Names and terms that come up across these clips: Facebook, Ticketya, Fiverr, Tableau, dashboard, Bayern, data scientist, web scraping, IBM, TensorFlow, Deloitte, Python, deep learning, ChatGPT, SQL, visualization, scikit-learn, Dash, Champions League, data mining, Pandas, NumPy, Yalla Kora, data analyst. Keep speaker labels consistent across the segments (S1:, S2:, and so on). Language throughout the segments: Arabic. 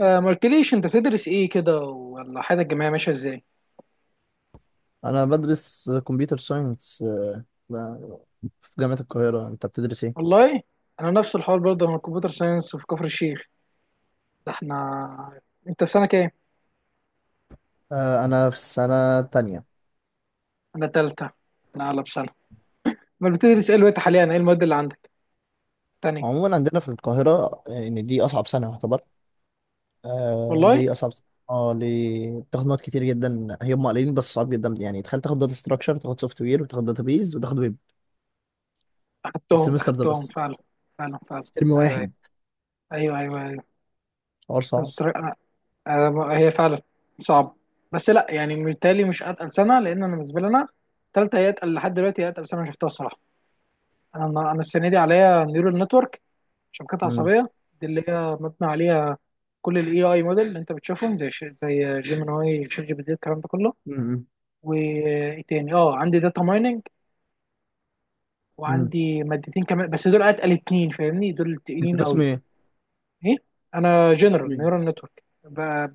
S1: آه، ما قلتليش انت بتدرس ايه كده، ولا حياتك الجامعيه ماشيه ازاي؟
S2: انا بدرس كمبيوتر ساينس في جامعة القاهرة. انت بتدرس ايه؟
S1: والله انا نفس الحوار برضه، انا كمبيوتر ساينس في كفر الشيخ. ده احنا، انت في سنه كام؟
S2: انا في السنة تانية.
S1: انا تالتة، انا اعلى بسنه. ما بتدرس ايه دلوقتي حاليا، ايه المواد اللي عندك تاني؟
S2: عموما عندنا في القاهرة، ان دي اصعب سنة يعتبر.
S1: والله
S2: ليه اصعب سنة؟ اه ليه؟ بتاخد مواد كتير جدا، هي هم قليلين بس صعب جدا. يعني تخيل تاخد داتا ستراكشر، تاخد سوفت وير، وتاخد داتا بيز، وتاخد ويب
S1: اخدتهم
S2: السمستر ده
S1: اخدتهم
S2: بس،
S1: فعلا. فعلا.
S2: في ترم
S1: ايوه ايوه
S2: واحد.
S1: ايوه، أيوة.
S2: حوار صعب.
S1: بس أنا... أنا... هي فعلا صعب. بس لا يعني بالتالي مش اتقل سنه، لان انا بالنسبه لي انا تالتة هي اتقل لحد دلوقتي، هي اتقل سنه شفتها الصراحه. انا انا السنه دي عليا نيورال نتورك، شبكات
S2: امم.
S1: عصبيه، دي اللي هي مبنى عليها كل الاي اي موديل اللي انت بتشوفهم، زي زي جيميناي، شات جي بي تي، الكلام ده كله.
S2: امم.
S1: وايه تاني، اه عندي داتا مايننج،
S2: امم.
S1: وعندي مادتين كمان، بس دول اتقل اتنين فاهمني، دول
S2: انت
S1: تقيلين
S2: قسم
S1: قوي.
S2: ايه؟
S1: ايه، انا
S2: قسم
S1: جنرال
S2: ايه؟
S1: نيورال نتورك.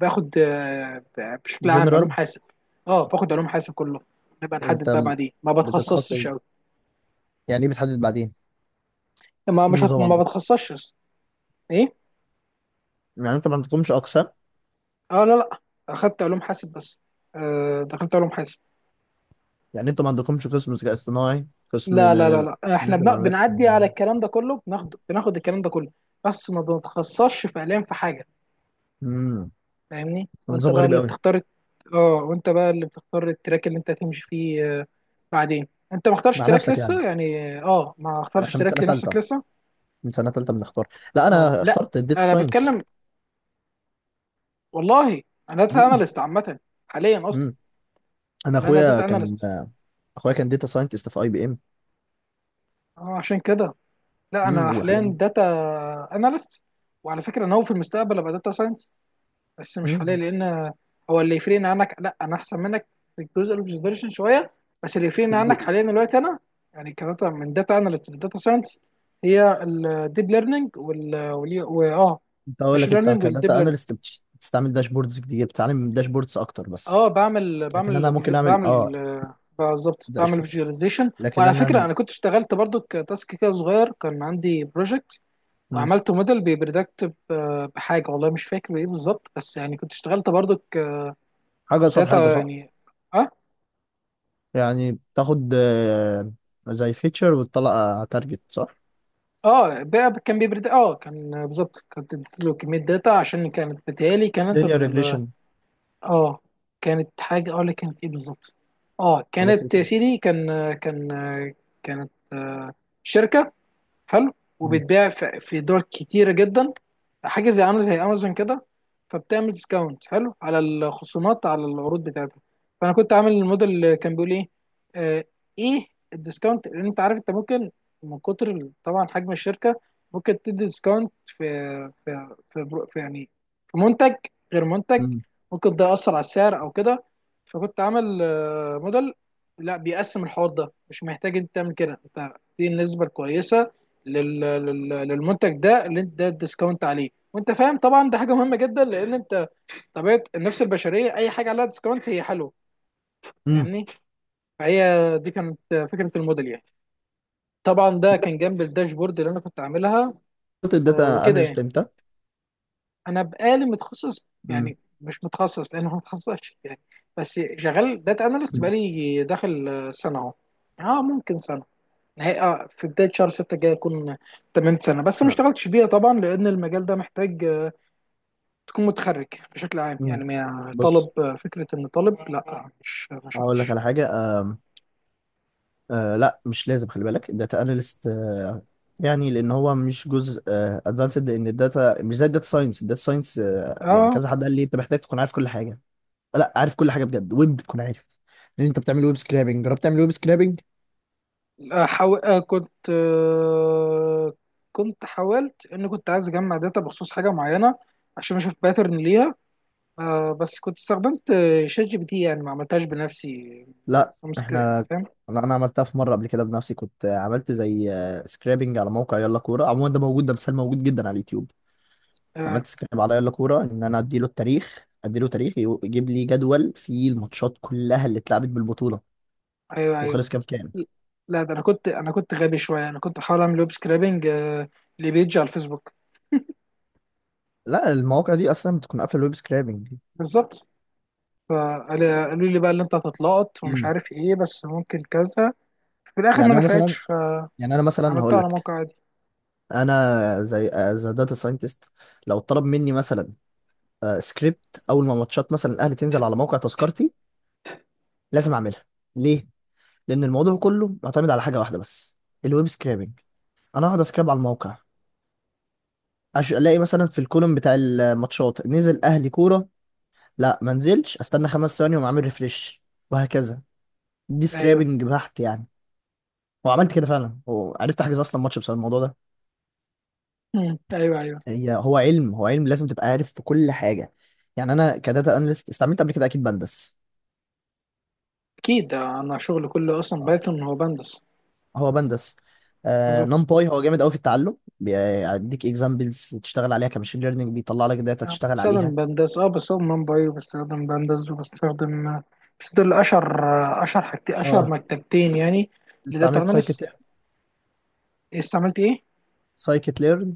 S1: باخد بشكل عام علوم
S2: جنرال.
S1: حاسب. اه باخد علوم حاسب كله، نبقى
S2: انت
S1: نحدد بقى بعدين، ما
S2: بتتخصص؟
S1: بتخصصش قوي.
S2: يعني ايه بتحدد بعدين؟
S1: ما
S2: إيه
S1: مش هت...
S2: النظام
S1: ما
S2: عندك؟
S1: بتخصصش. ايه؟
S2: يعني انت ما عندكمش اقسام؟
S1: اه لا، اخدت علوم حاسب بس. آه دخلت علوم حاسب.
S2: يعني انتوا ما عندكمش قسم ذكاء اصطناعي؟
S1: لا
S2: قسم
S1: لا لا
S2: آه،
S1: لا احنا
S2: جزء معلومات.
S1: بنعدي على الكلام ده كله، بناخده، بناخد الكلام ده كله، بس ما بنتخصصش فعليا في حاجه،
S2: امم.
S1: فاهمني؟ وانت
S2: نظام
S1: بقى
S2: غريب
S1: اللي
S2: قوي.
S1: بتختار. اه، وانت بقى اللي بتختار التراك اللي انت هتمشي فيه. بعدين انت ما اخترتش
S2: مع
S1: تراك
S2: نفسك يعني.
S1: لسه يعني، اه ما اخترتش
S2: احنا
S1: تراك لنفسك لسه.
S2: من سنه ثالثه بنختار. لا،
S1: اه
S2: انا
S1: لا،
S2: اخترت الداتا
S1: انا
S2: ساينس.
S1: بتكلم. والله انا داتا
S2: امم.
S1: اناليست عامه حاليا اصلا.
S2: امم. انا
S1: يعني انا
S2: اخويا
S1: داتا
S2: كان
S1: اناليست.
S2: آه، اخويا كان داتا ساينتست في اي بي ام.
S1: اه عشان كده لا،
S2: امم.
S1: انا حاليا
S2: وحاليا.
S1: داتا اناليست. وعلى فكره ناوي في المستقبل ابقى داتا ساينس، بس مش
S2: امم
S1: حاليا. لان هو اللي يفرقني عنك، لا انا احسن منك في الجزء الاوبزرفيشن شويه، بس اللي
S2: في
S1: يفرقني عنك
S2: الجو-
S1: حاليا دلوقتي انا، يعني كداتا، من داتا اناليست لداتا ساينس، هي الديب ليرنينج وال
S2: كنت اقول
S1: ماشين
S2: لك انت
S1: ليرنينج والديب
S2: كداتا
S1: ليرنينج.
S2: اناليست بتستعمل داشبوردز كتير، بتتعلم داشبوردز اكتر بس.
S1: اه بعمل
S2: لكن انا
S1: بعمل
S2: ممكن
S1: فيديو،
S2: اعمل
S1: بعمل بالظبط بعمل
S2: داشبوردز.
S1: فيجواليزيشن.
S2: لكن
S1: وعلى فكره
S2: انا.
S1: انا كنت اشتغلت برضو كتاسك كده صغير، كان عندي بروجكت
S2: مم.
S1: وعملت موديل بيبريدكت بحاجه، والله مش فاكر بايه بالظبط، بس يعني كنت اشتغلت برضو
S2: حاجه قصاد حاجه،
S1: كداتا
S2: صح.
S1: يعني. اه.
S2: يعني بتاخد زي فيتشر وتطلع تارجت، صح؟
S1: اه بقى كان بيبرد، اه كان بالظبط، كنت له كميه داتا عشان كانت بتهيألي كانت
S2: Linear
S1: ال
S2: regression.
S1: اه كانت حاجه، اه لا كانت ايه بالظبط، اه كانت
S2: بسيطة.
S1: يا سيدي، كان كانت شركه حلو،
S2: مم.
S1: وبيتباع في دول كتيره جدا، حاجه زي عامله زي امازون كده، فبتعمل ديسكاونت حلو على الخصومات على العروض بتاعتها. فانا كنت عامل الموديل اللي كان بيقول ايه آه ايه الديسكاونت، لان انت عارف انت ممكن من كتر طبعا حجم الشركه ممكن تدي ديسكاونت في في يعني في منتج غير منتج،
S2: مم.
S1: ممكن ده يأثر على السعر او كده. فكنت عامل موديل لا بيقسم الحوار ده، مش محتاج انت تعمل كده، انت دي النسبه الكويسه للمنتج ده اللي انت ده الديسكاونت عليه، وانت فاهم طبعا ده حاجه مهمه جدا، لان انت طبيعه النفس البشريه اي حاجه عليها ديسكاونت هي حلوه،
S2: مم.
S1: فاهمني؟ فهي دي كانت فكره الموديل يعني. طبعا ده كان جنب الداشبورد اللي انا كنت عاملها.
S2: قلت الداتا
S1: وكده
S2: اناليست
S1: يعني.
S2: امتى؟
S1: انا بقالي متخصص،
S2: مم.
S1: يعني مش متخصص لان انا ما متخصصش يعني، بس شغال داتا اناليست
S2: مم.
S1: بقالي داخل سنه اهو. اه ممكن سنه، نهاية اه في بدايه شهر 6 الجاي اكون تممت سنه، بس ما
S2: احنا.
S1: اشتغلتش بيها طبعا لان المجال ده محتاج تكون متخرج بشكل عام
S2: مم.
S1: يعني، ما طالب.
S2: بص،
S1: فكرة ان طالب لا، مش ما
S2: هقول لك
S1: شفتش.
S2: على حاجة. آم، آه، لا مش لازم. خلي بالك الداتا اناليست يعني لان هو مش جزء ادفانسد. لان الداتا مش زي الداتا ساينس، يعني
S1: اه
S2: كذا حد قال لي انت محتاج تكون عارف كل حاجة. لا، عارف كل حاجة بجد، ويب بتكون عارف. لان انت بتعمل ويب سكرابنج. جربت تعمل ويب سكرابنج؟
S1: لا، آه كنت، آه كنت حاولت ان كنت عايز اجمع داتا بخصوص حاجة معينة عشان اشوف باترن ليها. آه بس كنت استخدمت شات جي بي تي، يعني ما عملتهاش بنفسي،
S2: لا،
S1: امسك يعني
S2: احنا.
S1: فاهم.
S2: لا، انا عملتها في مره قبل كده بنفسي. كنت عملت زي سكرابنج على موقع يلا كوره. عموما ده موجود، ده مثال موجود جدا على اليوتيوب.
S1: آه
S2: عملت سكراب على يلا كوره، ان انا اديله التاريخ، اديله تاريخ، يجيب لي جدول فيه الماتشات كلها اللي اتلعبت بالبطوله.
S1: ايوه ايوه.
S2: وخلص كام كام.
S1: لا ده انا كنت غبي شوية، انا كنت بحاول اعمل ويب سكرابنج لبيج على الفيسبوك.
S2: لا، المواقع دي اصلا بتكون قافله الويب سكرابنج.
S1: بالظبط. فقالوا لي بقى اللي انت هتتلقط ومش
S2: امم.
S1: عارف ايه، بس ممكن كذا. في الاخر ما
S2: يعني انا مثلا
S1: نفعتش.
S2: يعني انا مثلا هقول
S1: فعملتها على
S2: لك،
S1: موقع عادي.
S2: انا زي از داتا ساينتست، لو طلب مني مثلا سكريبت اول ما ماتشات مثلا الاهلي تنزل على موقع تذكرتي، لازم اعملها. ليه؟ لان الموضوع كله معتمد على حاجه واحده بس، الويب سكرابنج. انا اقعد اسكراب على الموقع، الاقي مثلا في الكولوم بتاع الماتشات نزل اهلي كوره. لا، ما نزلش. استنى 5 ثواني واقوم عامل ريفريش، وهكذا. دي
S1: ايوه.
S2: سكرابنج بحت يعني. وعملت كده فعلا، وعرفت احجز اصلا ماتش بسبب الموضوع ده.
S1: مم. ايوه ايوه.
S2: هي هو علم هو علم، لازم تبقى عارف في كل حاجه. يعني انا كداتا اناليست استعملت قبل كده اكيد بندس.
S1: اكيد انا شغلي كله اصلا
S2: آه،
S1: بايثون هو بندس.
S2: هو بندس.
S1: بالظبط.
S2: نمباي هو جامد قوي في التعلم، بيديك اكزامبلز تشتغل عليها كماشين ليرنينج، بيطلع لك داتا
S1: يعني
S2: تشتغل
S1: بستخدم
S2: عليها.
S1: بندس، اه بستخدم ممباي وبستخدم بندس وبستخدم، بس دول اشهر، اشهر حاجتين، اشهر
S2: اه
S1: مكتبتين يعني. لداتا
S2: استعملت
S1: اناليست.
S2: سايكت.
S1: استعملت ايه؟
S2: سايكت ليرن،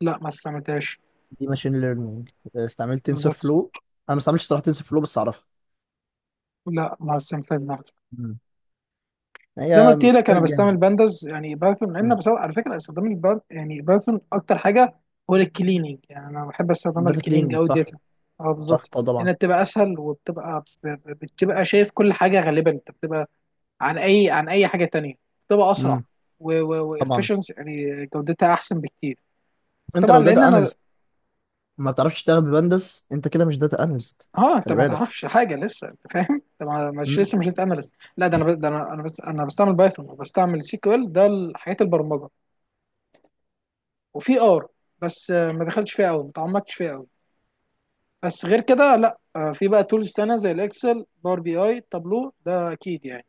S1: لا ما استعملتهاش.
S2: دي ماشين ليرنينج. استعملت تنسور
S1: بالظبط.
S2: فلو. انا ما استعملتش صراحه تنسور فلو بس اعرفها.
S1: لا ما استعملتهاش.
S2: مم.
S1: زي ما
S2: هي
S1: قلت لك
S2: فرق
S1: انا بستعمل
S2: جامد.
S1: بانداز، يعني بايثون لان، بس على فكره استخدام الباند يعني بايثون اكتر حاجه، هو للكليننج، يعني انا بحب استخدمها
S2: داتا
S1: للكليننج
S2: كليننج
S1: او
S2: صح.
S1: داتا. اه
S2: صح،
S1: بالظبط.
S2: طبعا.
S1: انها بتبقى اسهل، وبتبقى بتبقى شايف كل حاجه غالبا انت بتبقى، عن اي حاجه تانية بتبقى اسرع،
S2: امم. طبعا.
S1: وافشنس يعني جودتها احسن بكتير.
S2: انت
S1: طبعا
S2: لو
S1: لان
S2: داتا
S1: انا.
S2: اناليست ما بتعرفش تشتغل ببندس، انت كده مش داتا اناليست.
S1: اه انت
S2: خلي
S1: ما
S2: بالك.
S1: تعرفش حاجه لسه انت فاهم، انت مش
S2: امم.
S1: لسه مش اناليست. لا ده انا ب- ده انا انا بس انا بستعمل بايثون وبستعمل سيكوال، ده الحاجات البرمجه. وفي ار، بس ما دخلتش فيها قوي، ما تعمقتش فيها قوي. بس غير كده لا، في بقى تولز تانية زي الاكسل، باور بي اي، تابلو، ده اكيد يعني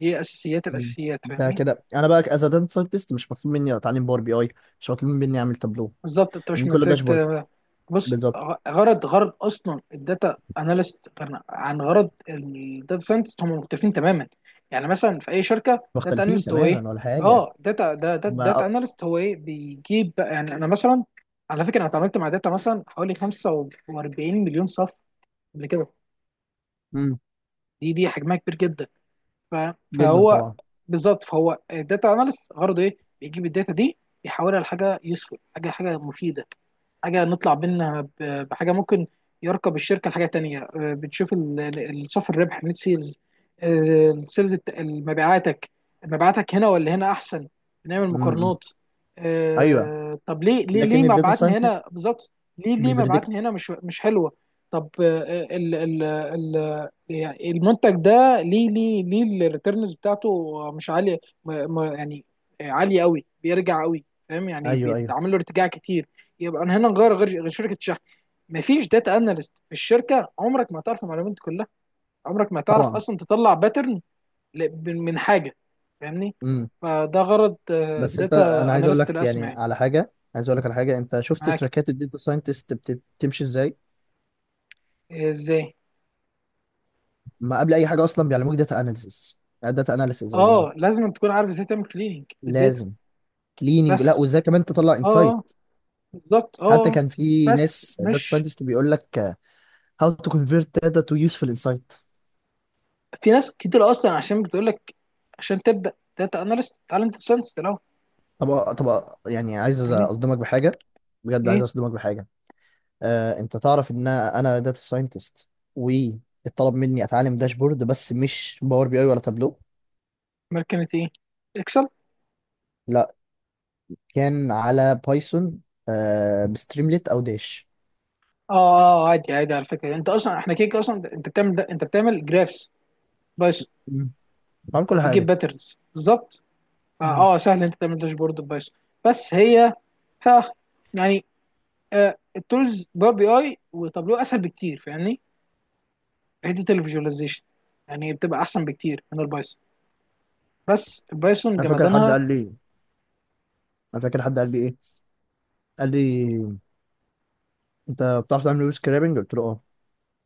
S1: دي اساسيات الاساسيات،
S2: ده
S1: فاهمني؟
S2: كده انا بقى از داتا ساينتست مش مطلوب مني اتعلم باور بي اي، مش مطلوب مني اعمل تابلو.
S1: بالظبط، انت مش
S2: دي كلها
S1: محتاج
S2: داشبورد.
S1: بص،
S2: بالظبط.
S1: غرض، غرض اصلا الداتا اناليست عن غرض الداتا ساينتست هم مختلفين تماما. يعني مثلا في اي شركه، داتا
S2: مختلفين
S1: اناليست هو ايه،
S2: تماما ولا حاجه.
S1: اه داتا ده ده-
S2: هما
S1: داتا
S2: أ-
S1: اناليست هو ايه، بيجيب بقى، يعني انا مثلا على فكره انا اتعاملت مع داتا مثلا حوالي 45 مليون صف قبل كده،
S2: مم.
S1: دي حجمها كبير جدا.
S2: جدا
S1: فهو
S2: طبعا.
S1: بالظبط، فهو الداتا اناليست غرضه ايه؟ بيجيب الداتا دي يحولها لحاجه يوسفول، حاجه حاجه مفيده، حاجه نطلع منها بحاجه ممكن يركب الشركه لحاجه تانية. بتشوف الصافي الربح، نت سيلز، السيلز مبيعاتك، مبيعاتك هنا ولا هنا احسن، بنعمل
S2: امم.
S1: مقارنات.
S2: ايوه.
S1: طب ليه ليه
S2: لكن الداتا
S1: مبيعاتنا هنا
S2: ساينتست
S1: بالظبط، ليه
S2: بيبريدكت.
S1: مبيعاتنا هنا مش مش حلوه. طب ال يعني المنتج ده ليه ليه الريتيرنز بتاعته مش عاليه، ما ما يعني عاليه قوي، بيرجع قوي، فاهم يعني
S2: ايوه، ايوه،
S1: بيتعمل له ارتجاع كتير. يبقى انا هنا نغير غير غير شركه الشحن. مفيش داتا اناليست في الشركه عمرك ما هتعرف المعلومات دي كلها، عمرك ما هتعرف
S2: طبعا.
S1: اصلا تطلع باترن من حاجه، فاهمني؟
S2: امم.
S1: فده غرض
S2: بس انت انا
S1: داتا
S2: عايز اقول
S1: اناليست،
S2: لك يعني
S1: الاسمى يعني.
S2: على حاجه، عايز اقول لك على حاجه، انت شفت
S1: معاك.
S2: تراكات الداتا ساينتست بتمشي ازاي؟
S1: ازاي؟
S2: ما قبل اي حاجه اصلا بيعلموك داتا اناليسيس. داتا اناليسيس عموما
S1: اه لازم تكون عارف ازاي تعمل كليننج للداتا.
S2: لازم كليننج. لا،
S1: بس.
S2: وازاي كمان تطلع
S1: اه
S2: انسايت.
S1: بالظبط، اه
S2: حتى
S1: آه.
S2: كان في
S1: بس
S2: ناس داتا
S1: مش.
S2: ساينتست بيقول لك، هاو تو كونفيرت داتا تو يوسفول انسايت.
S1: في ناس كتير اصلا عشان بتقول لك عشان تبدا داتا اناليست تعالى انت ساينس الاول.
S2: طب. طب، يعني عايز
S1: يعني
S2: اصدمك بحاجه، بجد عايز
S1: ايه؟
S2: اصدمك بحاجه. انت تعرف ان انا داتا ساينتست واتطلب مني اتعلم داشبورد بس مش باور بي اي ولا تابلو.
S1: ماركنت ايه؟ اكسل اه.
S2: لا، كان على بايثون. بستريمليت او داش.
S1: اه عادي عادي، على فكره انت اصلا احنا كده كده اصلا انت بتعمل ده، انت بتعمل جرافس بس،
S2: مم. بعمل كل
S1: وبتجيب
S2: حاجه.
S1: باترنز بالظبط،
S2: مم.
S1: فاه سهل انت تعمل داشبورد بس. بس هي، ها، يعني التولز باور بي اي وتابلو اسهل بكتير فاهمني، في حته الفيجواليزيشن يعني بتبقى احسن بكتير من البايثون. بس البايثون
S2: انا فاكر حد
S1: جمدانها.
S2: قال لي انا فاكر حد قال لي ايه. قال لي، انت بتعرف تعمل ويب سكرابنج؟ قلت له اه.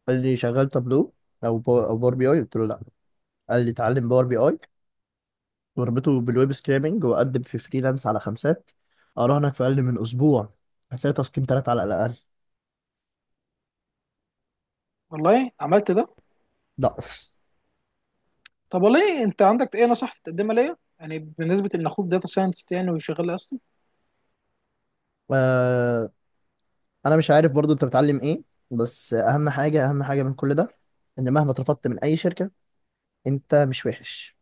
S2: قال لي شغال تابلو او او باور بي اي؟ قلت له لا. قال لي اتعلم باور بي اي وربطه بالويب سكرابنج وقدم في فريلانس على خمسات، اراهنك في اقل من اسبوع هتلاقي تسكين تلاتة على الاقل.
S1: والله عملت ده.
S2: لا.
S1: طب والله انت عندك ايه نصيحه تقدمها ليا يعني، بالنسبه ان اخوك داتا ساينتست يعني وشغال اصلا.
S2: آه، انا مش عارف برضو انت بتعلم ايه. بس اهم حاجه، اهم حاجه من كل ده، ان مهما اترفضت من اي شركه، انت مش وحش.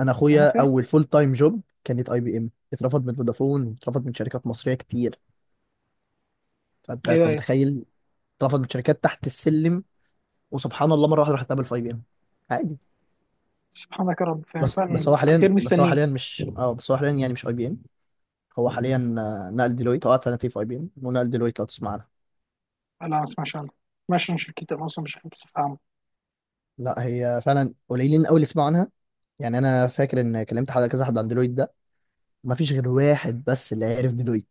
S2: انا
S1: انا
S2: اخويا
S1: فاهم.
S2: اول فول تايم جوب كانت اي بي ام. اترفض من فودافون، اترفض من شركات مصريه كتير. فانت
S1: ايوه
S2: انت
S1: ايوه.
S2: متخيل؟ اترفض من شركات تحت السلم. وسبحان الله، مره واحده راح اتقابل في اي بي ام عادي.
S1: سبحانك يا رب، فاهم
S2: بس،
S1: فعلا، خير مستنيه.
S2: هو حاليا يعني مش اي بي ام. هو حاليا نقل ديلويت. هو قعد سنتين في اي بي ام ونقل ديلويت، لو تسمع عنها.
S1: لا ما اسمعش عنه، ما اسمعش عن شركتي انا اصلا مش بس فاهم.
S2: لا، هي فعلا قليلين قوي اللي سمعوا عنها. يعني انا فاكر ان كلمت حد، كذا حد عن ديلويت ده، ما فيش غير واحد بس اللي عرف ديلويت.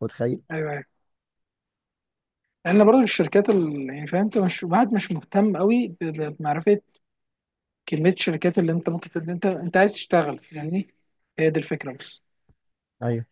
S2: متخيل؟
S1: ايوه ايوه. لان برضه الشركات ال... يعني فاهم انت مش بعد مش مهتم قوي بمعرفه كميه الشركات اللي انت ممكن انت انت عايز تشتغل يعني. هي دي الفكره بس.
S2: ايوه